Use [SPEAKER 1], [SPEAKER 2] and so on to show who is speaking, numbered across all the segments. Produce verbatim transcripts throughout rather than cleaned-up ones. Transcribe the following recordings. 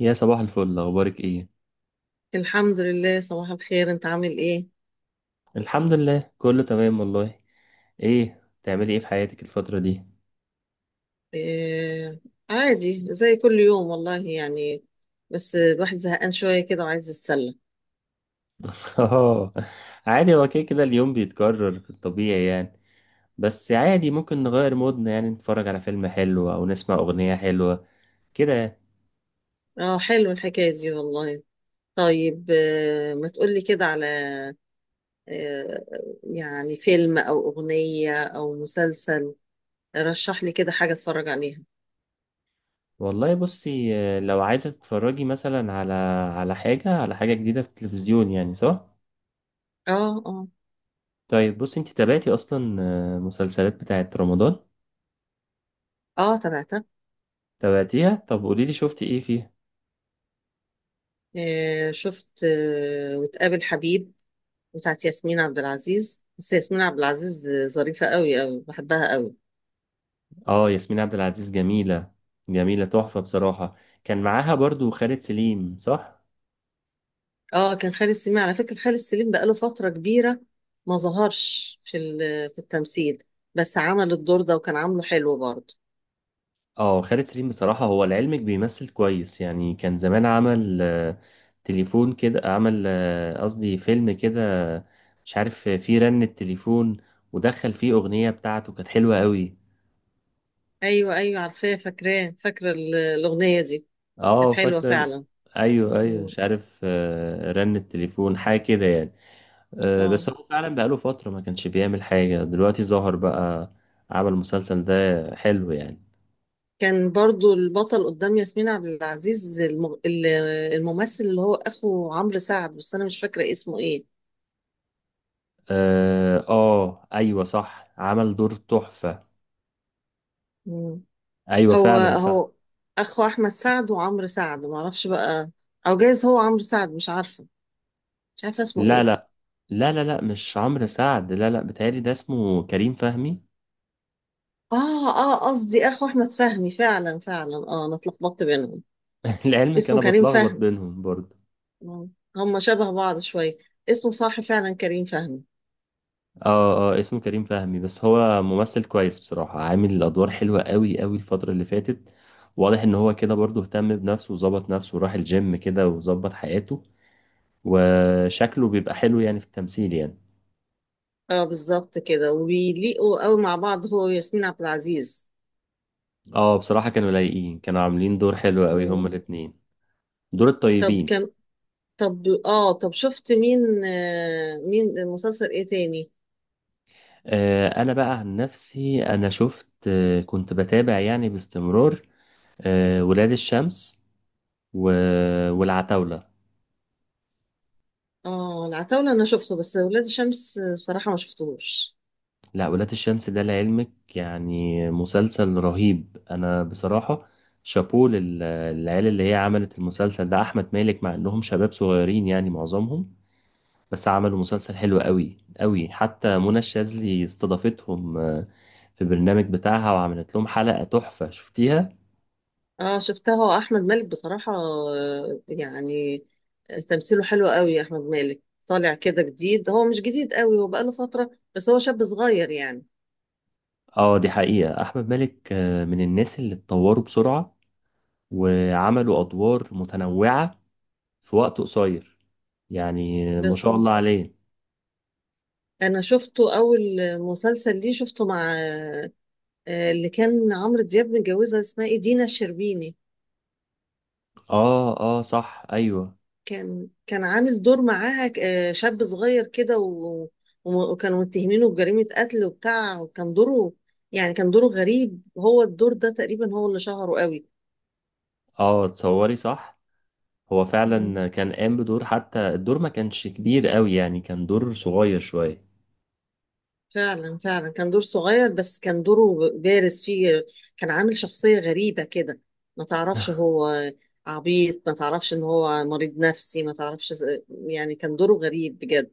[SPEAKER 1] يا صباح الفل، اخبارك ايه؟
[SPEAKER 2] الحمد لله، صباح الخير، انت عامل ايه؟
[SPEAKER 1] الحمد لله كله تمام والله. ايه تعملي ايه في حياتك الفترة دي؟
[SPEAKER 2] آه عادي زي كل يوم والله يعني. بس الواحد زهقان شوية كده وعايز يتسلى.
[SPEAKER 1] اه. عادي هو كده كده اليوم بيتكرر في الطبيعي يعني. بس عادي ممكن نغير مودنا، يعني نتفرج على فيلم حلو او نسمع اغنية حلوة كده يعني.
[SPEAKER 2] اه، حلو الحكاية دي والله. طيب آه ما تقولي كده على آه يعني فيلم او اغنية او مسلسل. رشح لي كده حاجة اتفرج عليها.
[SPEAKER 1] والله بصي، آه، لو عايزة تتفرجي مثلا على على حاجة على حاجة جديدة في التلفزيون يعني، صح؟
[SPEAKER 2] اه اه.
[SPEAKER 1] طيب بصي، انت تابعتي اصلا آه، مسلسلات بتاعت رمضان؟
[SPEAKER 2] اه تابعتها.
[SPEAKER 1] تابعتيها؟ طب قوليلي شفتي ايه فيها؟
[SPEAKER 2] آه شفت آه وتقابل حبيب، بتاعت ياسمين عبد العزيز. بس ياسمين عبد العزيز ظريفة قوي قوي، بحبها قوي.
[SPEAKER 1] اه، ياسمين عبد العزيز جميلة، جميلة تحفة بصراحة. كان معاها برضو خالد سليم، صح؟
[SPEAKER 2] اه، كان خالد سليم. على فكرة خالد سليم بقاله فترة كبيرة ما ظهرش في ال- في التمثيل، بس عمل الدور ده وكان عامله حلو برضه.
[SPEAKER 1] اه، خالد سليم بصراحة هو لعلمك بيمثل كويس يعني. كان زمان عمل آه، تليفون كده، عمل آه، قصدي فيلم كده، مش عارف آه، فيه رن التليفون ودخل فيه أغنية بتاعته كانت حلوة قوي.
[SPEAKER 2] ايوه ايوه عارفاه، فاكراه، فاكرة ال- الأغنية دي. كانت
[SPEAKER 1] اه،
[SPEAKER 2] حلوة
[SPEAKER 1] فاكرة.
[SPEAKER 2] فعلا.
[SPEAKER 1] ايوه ايوه،
[SPEAKER 2] مم.
[SPEAKER 1] مش عارف آه، رن التليفون حاجة كده يعني. آه،
[SPEAKER 2] اه
[SPEAKER 1] بس هو فعلا بقاله فترة ما كانش بيعمل حاجة، دلوقتي ظهر بقى، عمل المسلسل ده، حلو يعني.
[SPEAKER 2] كان برضه البطل قدام ياسمين عبد العزيز الم- ال- الممثل، اللي هو اخو عمرو سعد، بس انا مش فاكرة اسمه ايه.
[SPEAKER 1] اه آه، ايوه صح، عمل دور تحفة.
[SPEAKER 2] مم.
[SPEAKER 1] ايوه
[SPEAKER 2] هو
[SPEAKER 1] فعلا صح.
[SPEAKER 2] هو اخو احمد سعد وعمرو سعد معرفش بقى، او جايز هو عمرو سعد، مش عارفة، مش عارفة اسمه
[SPEAKER 1] لا
[SPEAKER 2] ايه.
[SPEAKER 1] لا، لا لا لا، مش عمرو سعد، لا لا، بتهيألي ده اسمه كريم فهمي.
[SPEAKER 2] اه اه، قصدي اخو احمد فهمي، فعلا فعلا، اه انا اتلخبطت بينهم.
[SPEAKER 1] لعلمك
[SPEAKER 2] اسمه
[SPEAKER 1] انا
[SPEAKER 2] كريم
[SPEAKER 1] بتلخبط
[SPEAKER 2] فهمي.
[SPEAKER 1] بينهم برضه.
[SPEAKER 2] آه، هم شبه بعض شويه. اسمه صح فعلا كريم فهمي.
[SPEAKER 1] اه اه، اسمه كريم فهمي. بس هو ممثل كويس بصراحة، عامل الادوار حلوة قوي قوي الفترة اللي فاتت. واضح ان هو كده برضه اهتم بنفسه وظبط نفسه وراح الجيم كده وظبط حياته، وشكله بيبقى حلو يعني في التمثيل يعني.
[SPEAKER 2] اه بالظبط كده، وبيليقوا قوي مع بعض هو وياسمين عبد العزيز.
[SPEAKER 1] اه بصراحة كانوا لايقين، كانوا عاملين دور حلو قوي هما
[SPEAKER 2] مم.
[SPEAKER 1] الاتنين، دور
[SPEAKER 2] طب
[SPEAKER 1] الطيبين.
[SPEAKER 2] كم، طب اه طب شفت مين، آه مين مسلسل ايه تاني؟
[SPEAKER 1] آه انا بقى عن نفسي انا شفت، آه كنت بتابع يعني باستمرار آه ولاد الشمس و... والعتاولة.
[SPEAKER 2] اه العتاولة انا شفته، بس ولاد الشمس آه، صراحة ما شفتهوش.
[SPEAKER 1] لا، ولاد الشمس ده لعلمك يعني مسلسل رهيب انا بصراحة. شابوه لل- للعيال اللي هي عملت المسلسل ده، احمد مالك، مع انهم شباب صغيرين يعني معظمهم. بس عملوا مسلسل حلو قوي قوي. حتى منى الشاذلي استضافتهم آه، في برنامج بتاعها وعملت لهم حلقة تحفة، شفتيها؟
[SPEAKER 2] اه شفتها. هو احمد مالك بصراحة آه، يعني آه، تمثيله حلو قوي احمد مالك. طالع كده جديد، هو مش جديد قوي، هو بقاله فترة، بس هو شاب صغير يعني.
[SPEAKER 1] اه دي حقيقة. احمد مالك آه، من الناس اللي اتطوروا بسرعة وعملوا ادوار متنوعة في وقت قصير يعني آه، ما شاء
[SPEAKER 2] بالظبط.
[SPEAKER 1] الله عليه.
[SPEAKER 2] انا شفته اول مسلسل ليه شفته مع آه، آه، اللي كان عمرو دياب متجوزها، اسمها ايه، دينا الشربيني.
[SPEAKER 1] اه اه صح ايوه.
[SPEAKER 2] كان كان عامل دور معاها، آه، شاب صغير كده و- و- وكانوا متهمينه بجريمة قتل وبتاع، وكان دوره يعني، كان دوره غريب. هو الدور ده تقريبا هو اللي شهره
[SPEAKER 1] اه تصوري صح. هو
[SPEAKER 2] قوي.
[SPEAKER 1] فعلا كان قام بدور، حتى الدور ما كانش كبير قوي يعني، كان دور صغير شوية.
[SPEAKER 2] فعلا فعلا كان دور صغير بس كان دوره بارز فيه. كان عامل شخصية غريبة كده، ما تعرفش هو عبيط، ما تعرفش ان هو مريض نفسي، ما تعرفش، يعني كان دوره غريب بجد.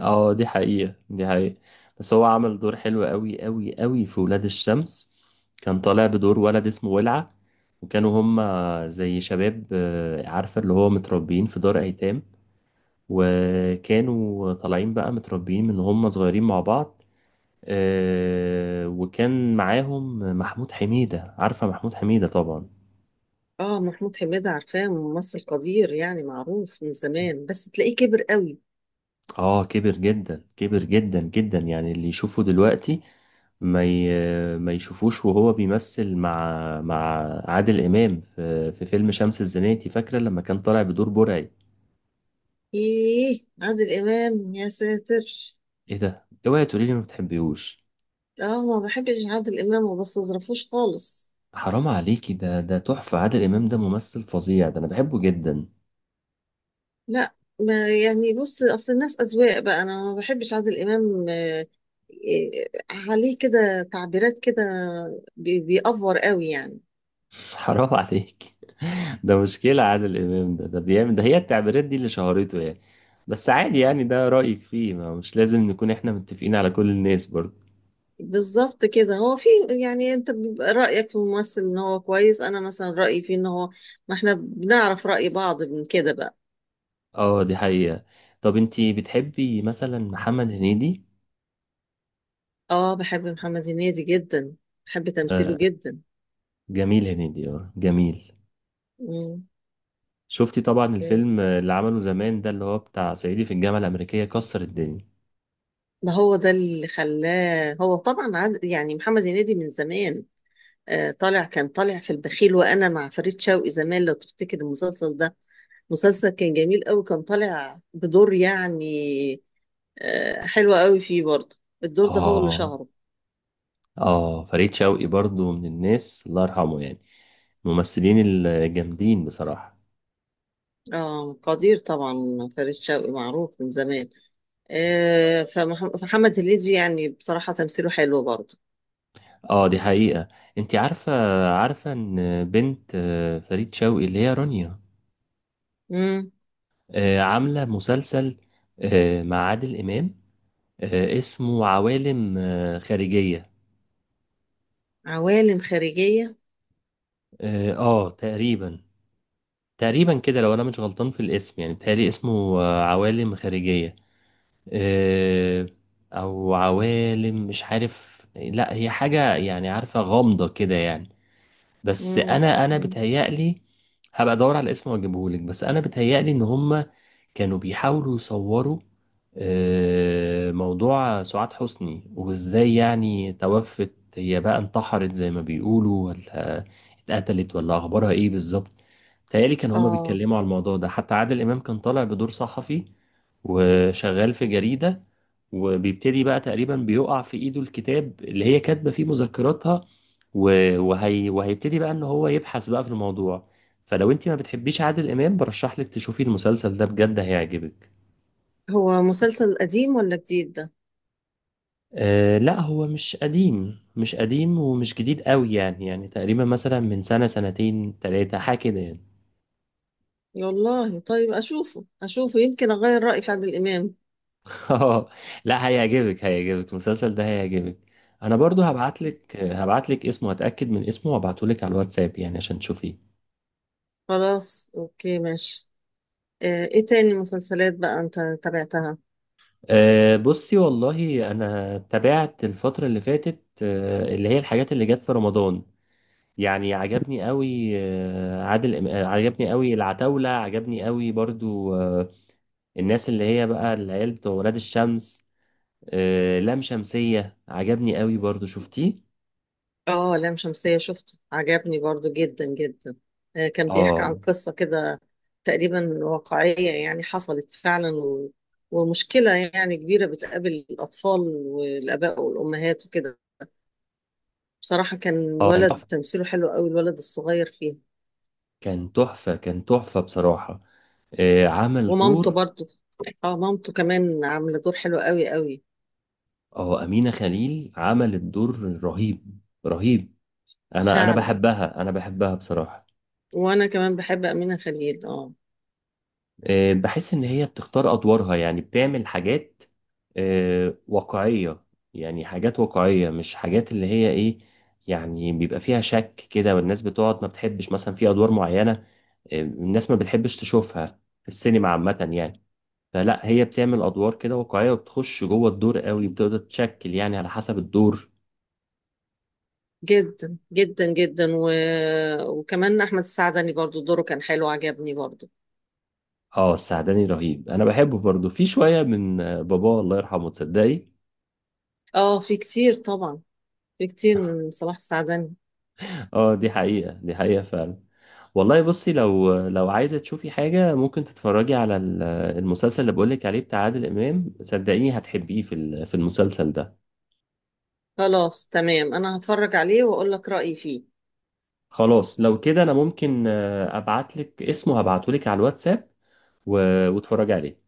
[SPEAKER 1] اه دي حقيقة، دي حقيقة. بس هو عمل دور حلو قوي قوي قوي في ولاد الشمس. كان طالع بدور ولد اسمه ولعة. وكانوا هما زي شباب آه، عارفة، اللي هو متربيين في دار أيتام. وكانوا طالعين بقى متربيين من هما صغيرين مع بعض. آه، وكان معاهم محمود حميدة، عارفة محمود حميدة طبعا.
[SPEAKER 2] اه محمود حميدة عارفاه، ممثل قدير يعني، معروف من زمان، بس تلاقيه كبر قوي.
[SPEAKER 1] اه كبر جدا، كبر جدا جدا، يعني اللي يشوفه دلوقتي ما ي... ما يشوفوش وهو بيمثل مع مع عادل امام في, في فيلم شمس الزناتي، فاكره لما كان طالع بدور برعي؟
[SPEAKER 2] ايه عادل امام يا ساتر!
[SPEAKER 1] ايه ده، اوعي تقولي لي ما بتحبيهوش!
[SPEAKER 2] اه ما بحبش عادل امام وما بستظرفوش خالص.
[SPEAKER 1] حرام عليكي، ده ده تحفه، عادل امام ده ممثل فظيع، ده انا بحبه جدا.
[SPEAKER 2] لا، ما يعني، بص اصل الناس اذواق بقى، انا ما بحبش عادل امام. آه، آه، عليه كده تعبيرات كده، بي- بيأفور قوي يعني.
[SPEAKER 1] حرام عليك، ده مشكله عادل امام ده ده بيعمل، ده هي التعبيرات دي اللي شهرته يعني. بس عادي يعني، ده رايك فيه، ما مش لازم نكون احنا متفقين على كل الناس برضه.
[SPEAKER 2] بالظبط كده. هو في يعني، انت بيبقى رأيك في الممثل ان هو كويس، انا مثلا رأيي فيه ان هو، ما احنا بنعرف رأي بعض من كده بقى.
[SPEAKER 1] اه دي حقيقة. طب انتي بتحبي مثلا محمد هنيدي؟
[SPEAKER 2] اه بحب محمد هنيدي جدا، بحب تمثيله
[SPEAKER 1] آه
[SPEAKER 2] جدا.
[SPEAKER 1] جميل هنيدي، اه جميل.
[SPEAKER 2] مم.
[SPEAKER 1] شفتي طبعا
[SPEAKER 2] آه،
[SPEAKER 1] الفيلم اللي عمله زمان ده اللي هو بتاع صعيدي في الجامعة الأمريكية، كسر الدنيا.
[SPEAKER 2] ده هو ده اللي خلاه. هو طبعا عاد يعني محمد هنيدي من زمان، آه، طالع كان طالع في البخيل وانا مع فريد شوقي زمان، لو تفتكر المسلسل ده. مسلسل كان جميل قوي. كان طالع بدور يعني آه، حلو قوي فيه برضه. الدور ده هو اللي
[SPEAKER 1] اه
[SPEAKER 2] شهره.
[SPEAKER 1] اه، فريد شوقي برضو من الناس الله يرحمه يعني، ممثلين الجامدين بصراحة.
[SPEAKER 2] اه قدير طبعا، فريد شوقي معروف من زمان. آه، فمح- فمحمد هنيدي يعني بصراحة تمثيله حلو برضه.
[SPEAKER 1] اه دي حقيقة. انتي عارفة، عارفة ان بنت آه، فريد شوقي اللي هي رانيا
[SPEAKER 2] امم.
[SPEAKER 1] آه، عاملة مسلسل آه، مع عادل إمام آه، اسمه عوالم آه، خارجية.
[SPEAKER 2] عوالم خارجية.
[SPEAKER 1] اه آه، تقريبا، تقريبا كده، لو انا مش غلطان في الاسم يعني، بيتهيألي اسمه آه، عوالم خارجية، آه، او عوالم، مش عارف، لا هي حاجة يعني عارفة غامضة كده يعني. بس
[SPEAKER 2] امم.
[SPEAKER 1] انا انا بتهيألي هبقى ادور على الاسم واجيبه لك، بس انا بتهيألي ان هما كانوا بيحاولوا يصوروا آه، موضوع سعاد حسني وازاي يعني توفت هي، بقى انتحرت زي ما بيقولوا، ولا اتقتلت، ولا اخبارها ايه بالظبط. بتهيألي كان هما
[SPEAKER 2] اه
[SPEAKER 1] بيتكلموا على الموضوع ده. حتى عادل امام كان طالع بدور صحفي وشغال في جريدة، وبيبتدي بقى تقريبا بيقع في ايده الكتاب اللي هي كاتبة فيه مذكراتها، و- وهي وهيبتدي بقى ان هو يبحث بقى في الموضوع. فلو انت ما بتحبيش عادل امام برشح لك تشوفي المسلسل ده، بجد هيعجبك.
[SPEAKER 2] هو مسلسل قديم ولا جديد ده؟
[SPEAKER 1] أه لا، هو مش قديم، مش قديم ومش جديد قوي يعني يعني تقريبا مثلا من سنة سنتين تلاتة حاجة كده يعني.
[SPEAKER 2] والله طيب اشوفه، اشوفه يمكن اغير رايي في عادل امام.
[SPEAKER 1] اه لا هيعجبك، هيعجبك المسلسل ده، هيعجبك. انا برضو هبعت لك هبعت لك اسمه، هتأكد من اسمه وابعته لك على الواتساب يعني عشان تشوفيه.
[SPEAKER 2] خلاص اوكي ماشي. آه، ايه تاني مسلسلات بقى انت تابعتها؟
[SPEAKER 1] أه بصي، والله انا تابعت الفترة اللي فاتت، أه اللي هي الحاجات اللي جت في رمضان يعني. عجبني قوي آه، عادل إم- آه، عجبني قوي العتاولة، عجبني قوي برضو آه، الناس اللي هي بقى العيال بتوع ولاد الشمس. آه، لام شمسية عجبني قوي برضو، شفتيه؟
[SPEAKER 2] اه لام شمسية شفته، عجبني برضو جدا جدا. آه، كان بيحكي عن
[SPEAKER 1] اه
[SPEAKER 2] قصة كده تقريبا واقعية، يعني حصلت فعلا، و... ومشكلة يعني كبيرة بتقابل الأطفال والآباء والأمهات وكده. بصراحة كان
[SPEAKER 1] اه كان
[SPEAKER 2] الولد
[SPEAKER 1] تحفة،
[SPEAKER 2] تمثيله حلو قوي، الولد الصغير فيه.
[SPEAKER 1] كان تحفة، كان تحفة بصراحة، آه، عمل
[SPEAKER 2] ومامته
[SPEAKER 1] دور.
[SPEAKER 2] برضو. اه مامته كمان عاملة دور حلو قوي قوي.
[SPEAKER 1] اه، أمينة خليل عملت دور رهيب، رهيب. انا انا
[SPEAKER 2] فعلا.
[SPEAKER 1] بحبها، انا بحبها بصراحة.
[SPEAKER 2] وأنا كمان بحب أمينة خليل اه.
[SPEAKER 1] آه، بحس ان هي بتختار ادوارها، يعني بتعمل حاجات آه، واقعية، يعني حاجات واقعية مش حاجات اللي هي ايه، يعني بيبقى فيها شك كده والناس بتقعد ما بتحبش مثلا في ادوار معينة، آه، الناس ما بتحبش تشوفها في السينما عامة يعني. فلا هي بتعمل ادوار كده واقعية، وبتخش جوه الدور قوي بتقدر تشكل يعني على حسب الدور.
[SPEAKER 2] جدا جدا جدا. و... وكمان احمد السعدني برضو دوره كان حلو، عجبني برضو.
[SPEAKER 1] اه السعداني رهيب، انا بحبه برضه، في شوية من آه، باباه الله يرحمه، تصدقي؟
[SPEAKER 2] اه في كتير طبعا، في كتير من صلاح السعدني.
[SPEAKER 1] اه دي حقيقة، دي حقيقة فعلا. والله بصي، لو لو عايزة تشوفي حاجة، ممكن تتفرجي على ال- المسلسل اللي بقولك عليه بتاع عادل إمام، صدقيني هتحبيه، في ال- في المسلسل ده.
[SPEAKER 2] خلاص تمام، انا هتفرج عليه واقول لك رأيي فيه.
[SPEAKER 1] خلاص لو كده أنا ممكن آه، أبعتلك اسمه، هبعتهولك على الواتساب و- واتفرجي عليه.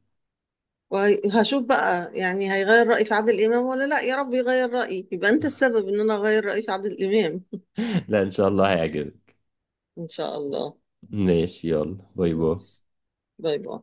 [SPEAKER 2] وهشوف بقى يعني هيغير رأيي في عادل امام ولا لا. يا رب يغير رأيي يبقى انت السبب ان انا اغير رأيي في عادل امام.
[SPEAKER 1] لا إن شاء الله هيعجبك.
[SPEAKER 2] ان شاء الله.
[SPEAKER 1] ماشي، يلا باي باي.
[SPEAKER 2] ماشي. باي باي.